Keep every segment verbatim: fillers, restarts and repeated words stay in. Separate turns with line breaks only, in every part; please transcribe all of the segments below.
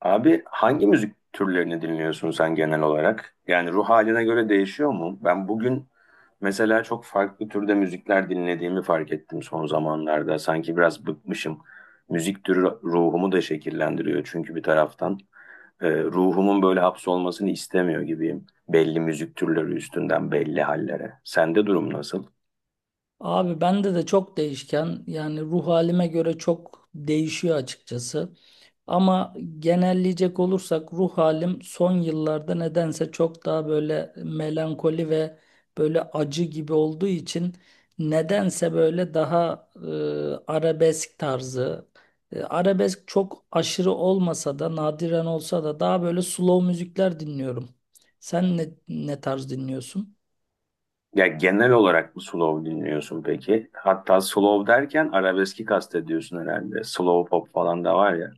Abi hangi müzik türlerini dinliyorsun sen genel olarak? Yani ruh haline göre değişiyor mu? Ben bugün mesela çok farklı türde müzikler dinlediğimi fark ettim son zamanlarda. Sanki biraz bıkmışım. Müzik türü ruhumu da şekillendiriyor çünkü bir taraftan. Ee, ruhumun böyle hapsolmasını istemiyor gibiyim. Belli müzik türleri üstünden belli hallere. Sende durum nasıl?
Abi bende de çok değişken, yani ruh halime göre çok değişiyor açıkçası. Ama genelleyecek olursak ruh halim son yıllarda nedense çok daha böyle melankoli ve böyle acı gibi olduğu için nedense böyle daha e, arabesk tarzı. E, arabesk çok aşırı olmasa da nadiren olsa da daha böyle slow müzikler dinliyorum. Sen ne, ne tarz dinliyorsun?
Ya genel olarak mı slow dinliyorsun peki? Hatta slow derken arabeski kastediyorsun herhalde. Slow pop falan da var ya.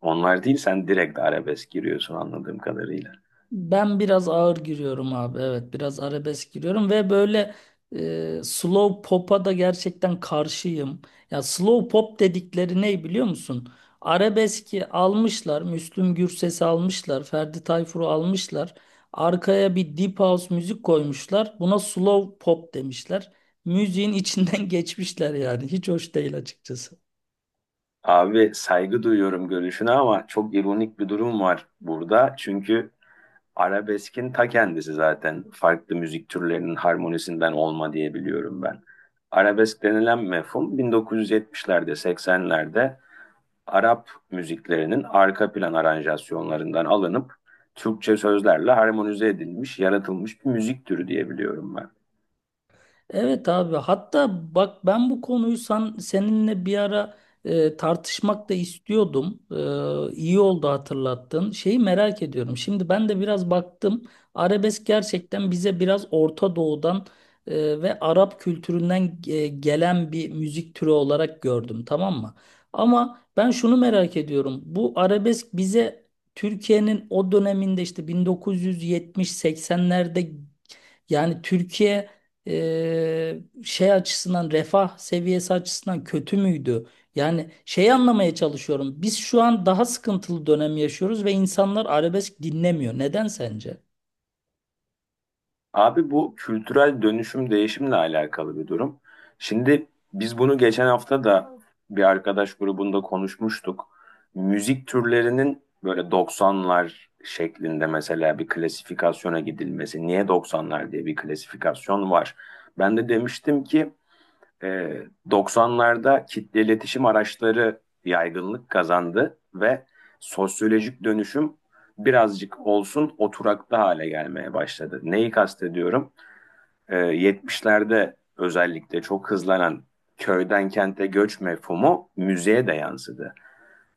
Onlar değil sen direkt arabesk giriyorsun anladığım kadarıyla.
Ben biraz ağır giriyorum abi. Evet, biraz arabesk giriyorum ve böyle e, slow pop'a da gerçekten karşıyım. Ya slow pop dedikleri ne biliyor musun? Arabeski almışlar, Müslüm Gürses'i almışlar, Ferdi Tayfur'u almışlar. Arkaya bir deep house müzik koymuşlar. Buna slow pop demişler. Müziğin içinden geçmişler yani. Hiç hoş değil açıkçası.
Abi saygı duyuyorum görüşüne ama çok ironik bir durum var burada. Çünkü arabeskin ta kendisi zaten farklı müzik türlerinin harmonisinden olma diye biliyorum ben. Arabesk denilen mefhum bin dokuz yüz yetmişlerde, seksenlerde Arap müziklerinin arka plan aranjasyonlarından alınıp Türkçe sözlerle harmonize edilmiş, yaratılmış bir müzik türü diyebiliyorum ben.
Evet abi, hatta bak ben bu konuyu sen, seninle bir ara e, tartışmak da istiyordum. E, iyi oldu hatırlattın. Şeyi merak ediyorum. Şimdi ben de biraz baktım. Arabesk gerçekten bize biraz Orta Doğu'dan e, ve Arap kültüründen e, gelen bir müzik türü olarak gördüm, tamam mı? Ama ben şunu merak ediyorum. Bu arabesk bize Türkiye'nin o döneminde, işte bin dokuz yüz yetmiş seksenlerde, yani Türkiye e, şey açısından, refah seviyesi açısından kötü müydü? Yani şeyi anlamaya çalışıyorum. Biz şu an daha sıkıntılı dönem yaşıyoruz ve insanlar arabesk dinlemiyor. Neden sence?
Abi bu kültürel dönüşüm değişimle alakalı bir durum. Şimdi biz bunu geçen hafta da bir arkadaş grubunda konuşmuştuk. Müzik türlerinin böyle doksanlar şeklinde mesela bir klasifikasyona gidilmesi. Niye doksanlar diye bir klasifikasyon var? Ben de demiştim ki Ee, doksanlarda kitle iletişim araçları yaygınlık kazandı ve sosyolojik dönüşüm birazcık olsun oturaklı hale gelmeye başladı. Neyi kastediyorum? Ee, yetmişlerde özellikle çok hızlanan köyden kente göç mefhumu müziğe de yansıdı.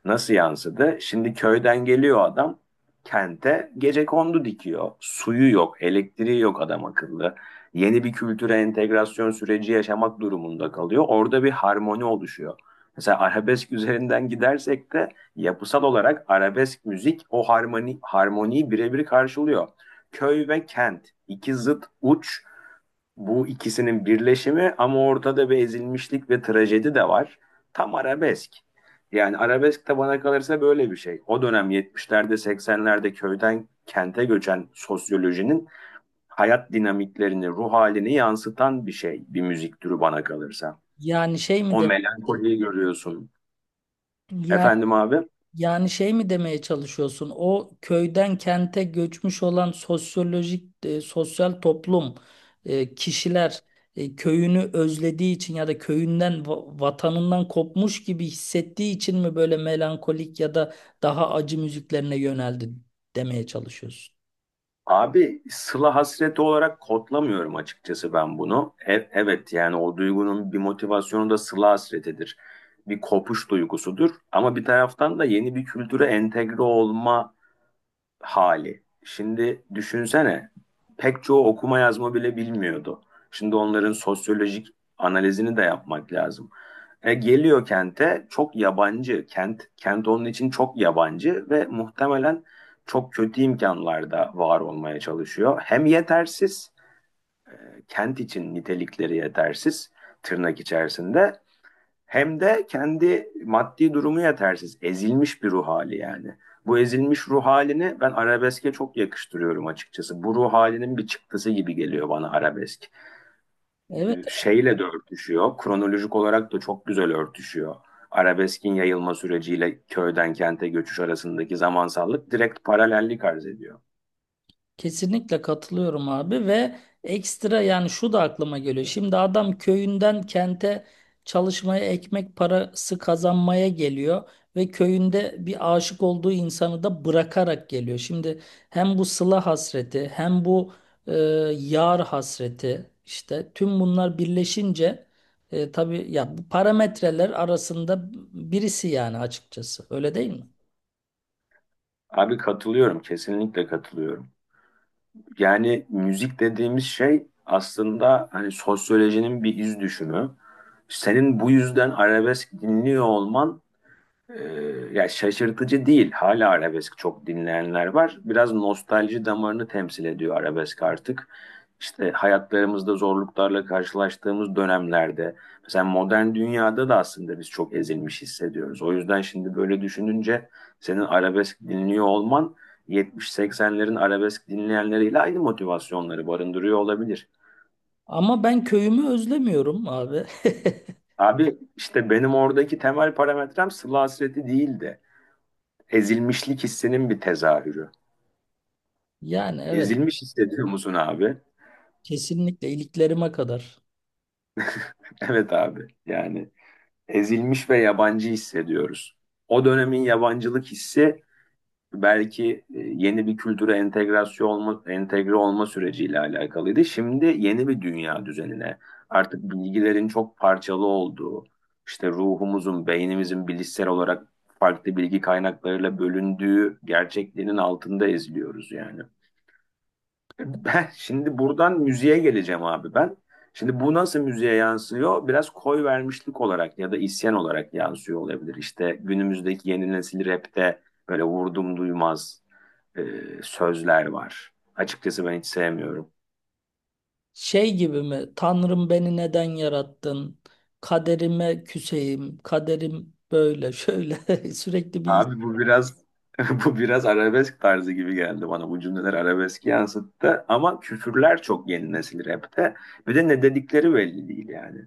Nasıl yansıdı? Şimdi köyden geliyor adam kente gecekondu dikiyor. Suyu yok, elektriği yok adam akıllı. Yeni bir kültüre entegrasyon süreci yaşamak durumunda kalıyor. Orada bir harmoni oluşuyor. Mesela arabesk üzerinden gidersek de yapısal olarak arabesk müzik o harmoni harmoniyi birebir karşılıyor. Köy ve kent iki zıt uç, bu ikisinin birleşimi ama ortada bir ezilmişlik ve trajedi de var. Tam arabesk. Yani arabesk de bana kalırsa böyle bir şey. O dönem yetmişlerde seksenlerde köyden kente göçen sosyolojinin hayat dinamiklerini, ruh halini yansıtan bir şey, bir müzik türü bana kalırsa.
Yani şey mi
O
demek?
melankoliyi görüyorsun. Efendim abi?
Yani şey mi demeye çalışıyorsun? O köyden kente göçmüş olan sosyolojik, e, sosyal toplum, e, kişiler e, köyünü özlediği için ya da köyünden, va- vatanından kopmuş gibi hissettiği için mi böyle melankolik ya da daha acı müziklerine yöneldi demeye çalışıyorsun?
Abi sıla hasreti olarak kodlamıyorum açıkçası ben bunu. E- evet, yani o duygunun bir motivasyonu da sıla hasretidir. Bir kopuş duygusudur ama bir taraftan da yeni bir kültüre entegre olma hali. Şimdi düşünsene pek çoğu okuma yazma bile bilmiyordu. Şimdi onların sosyolojik analizini de yapmak lazım. E, geliyor kente çok yabancı. Kent kent onun için çok yabancı ve muhtemelen çok kötü imkanlarda var olmaya çalışıyor. Hem yetersiz, kent için nitelikleri yetersiz tırnak içerisinde, hem de kendi maddi durumu yetersiz, ezilmiş bir ruh hali yani. Bu ezilmiş ruh halini ben arabeske çok yakıştırıyorum açıkçası. Bu ruh halinin bir çıktısı gibi geliyor bana arabesk.
Evet.
Şeyle de örtüşüyor, kronolojik olarak da çok güzel örtüşüyor. Arabeskin yayılma süreciyle köyden kente göçüş arasındaki zamansallık direkt paralellik arz ediyor.
Kesinlikle katılıyorum abi, ve ekstra, yani şu da aklıma geliyor. Şimdi adam köyünden kente çalışmaya, ekmek parası kazanmaya geliyor ve köyünde bir aşık olduğu insanı da bırakarak geliyor. Şimdi hem bu sıla hasreti, hem bu e, yar hasreti, işte tüm bunlar birleşince e, tabii ya, bu parametreler arasında birisi yani, açıkçası, öyle değil mi?
Abi katılıyorum, kesinlikle katılıyorum. Yani müzik dediğimiz şey aslında hani sosyolojinin bir iz düşümü. Senin bu yüzden arabesk dinliyor olman ee, ya şaşırtıcı değil. Hala arabesk çok dinleyenler var. Biraz nostalji damarını temsil ediyor arabesk artık. İşte hayatlarımızda zorluklarla karşılaştığımız dönemlerde, mesela modern dünyada da aslında biz çok ezilmiş hissediyoruz. O yüzden şimdi böyle düşününce senin arabesk dinliyor olman yetmiş seksenlerin arabesk dinleyenleriyle aynı motivasyonları barındırıyor olabilir.
Ama ben köyümü özlemiyorum abi.
Abi işte benim oradaki temel parametrem Sıla Hasreti değil de ezilmişlik hissinin bir tezahürü.
Yani evet.
Ezilmiş hissediyor musun abi?
Kesinlikle, iliklerime kadar.
Evet abi. Yani ezilmiş ve yabancı hissediyoruz. O dönemin yabancılık hissi belki e, yeni bir kültüre entegrasyon olma, entegre olma süreciyle alakalıydı. Şimdi yeni bir dünya düzenine artık bilgilerin çok parçalı olduğu, işte ruhumuzun, beynimizin bilişsel olarak farklı bilgi kaynaklarıyla bölündüğü gerçekliğinin altında eziliyoruz yani. Ben şimdi buradan müziğe geleceğim abi ben. Şimdi bu nasıl müziğe yansıyor? Biraz koy vermişlik olarak ya da isyan olarak yansıyor olabilir. İşte günümüzdeki yeni nesil rapte böyle vurdum duymaz e, sözler var. Açıkçası ben hiç sevmiyorum.
Şey gibi mi? Tanrım beni neden yarattın? Kaderime küseyim. Kaderim böyle şöyle sürekli bir.
Abi bu biraz bu biraz arabesk tarzı gibi geldi bana. Bu cümleler arabesk yansıttı ama küfürler çok yeni nesil rapte. Bir de ne dedikleri belli değil yani.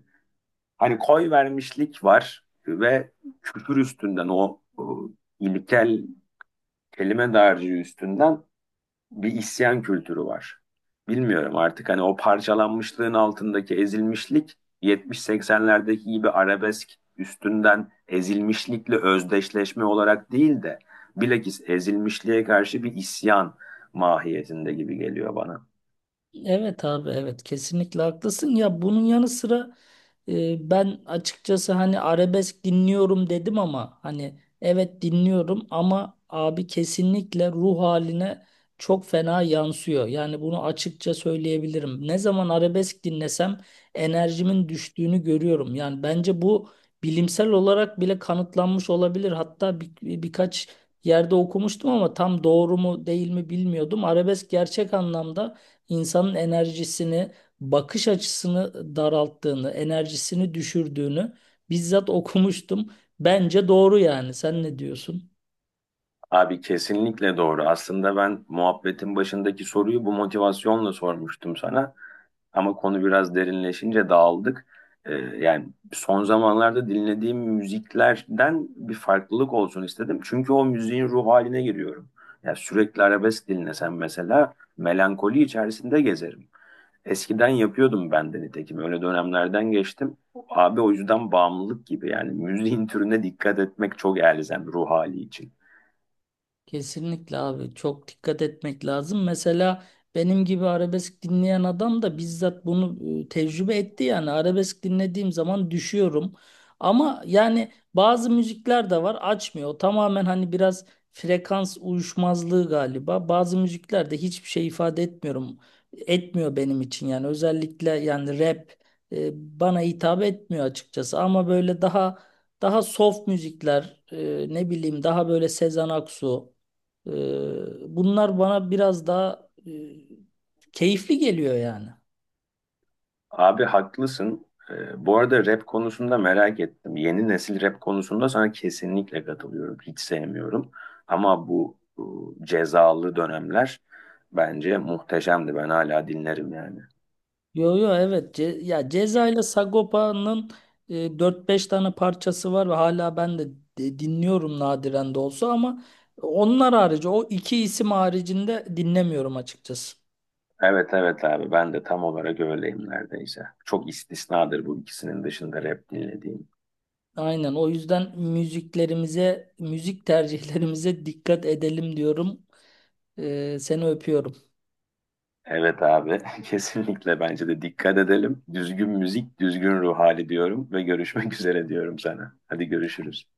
Hani koy vermişlik var ve kültür üstünden o, o ilkel kelime dağarcığı üstünden bir isyan kültürü var. Bilmiyorum artık hani o parçalanmışlığın altındaki ezilmişlik yetmiş seksenlerdeki gibi arabesk üstünden ezilmişlikle özdeşleşme olarak değil de bilakis ezilmişliğe karşı bir isyan mahiyetinde gibi geliyor bana.
Evet abi, evet, kesinlikle haklısın ya. Bunun yanı sıra e, ben açıkçası hani arabesk dinliyorum dedim ama hani evet dinliyorum, ama abi kesinlikle ruh haline çok fena yansıyor. Yani bunu açıkça söyleyebilirim. Ne zaman arabesk dinlesem enerjimin düştüğünü görüyorum. Yani bence bu bilimsel olarak bile kanıtlanmış olabilir. Hatta bir, birkaç yerde okumuştum ama tam doğru mu değil mi bilmiyordum. Arabesk gerçek anlamda insanın enerjisini, bakış açısını daralttığını, enerjisini düşürdüğünü bizzat okumuştum. Bence doğru yani. Sen ne diyorsun?
Abi kesinlikle doğru. Aslında ben muhabbetin başındaki soruyu bu motivasyonla sormuştum sana. Ama konu biraz derinleşince dağıldık. Ee, yani son zamanlarda dinlediğim müziklerden bir farklılık olsun istedim. Çünkü o müziğin ruh haline giriyorum. Ya sürekli arabesk dinlesem mesela melankoli içerisinde gezerim. Eskiden yapıyordum ben de nitekim. Öyle dönemlerden geçtim. Abi o yüzden bağımlılık gibi yani müziğin türüne dikkat etmek çok elzem ruh hali için.
Kesinlikle abi, çok dikkat etmek lazım. Mesela benim gibi arabesk dinleyen adam da bizzat bunu e, tecrübe etti, yani arabesk dinlediğim zaman düşüyorum. Ama yani bazı müzikler de var, açmıyor. O tamamen hani biraz frekans uyuşmazlığı galiba. Bazı müzikler de hiçbir şey ifade etmiyorum. Etmiyor benim için, yani özellikle yani rap e, bana hitap etmiyor açıkçası, ama böyle daha daha soft müzikler, e, ne bileyim, daha böyle Sezen Aksu, ee, bunlar bana biraz daha e, keyifli geliyor yani.
Abi haklısın. Ee, bu arada rap konusunda merak ettim. Yeni nesil rap konusunda sana kesinlikle katılıyorum. Hiç sevmiyorum. Ama bu, bu cezalı dönemler bence muhteşemdi. Ben hala dinlerim yani.
Yo yo evet, Ce ya Ceza ile Sagopa'nın e, dört beş tane parçası var ve hala ben de di- dinliyorum, nadiren de olsa, ama onlar harici, o iki isim haricinde dinlemiyorum açıkçası.
Evet evet abi ben de tam olarak öyleyim neredeyse. Çok istisnadır bu ikisinin dışında rap dinlediğim.
Aynen, o yüzden müziklerimize, müzik tercihlerimize dikkat edelim diyorum. Ee, seni öpüyorum.
Evet abi kesinlikle bence de dikkat edelim. Düzgün müzik, düzgün ruh hali diyorum ve görüşmek üzere diyorum sana. Hadi görüşürüz.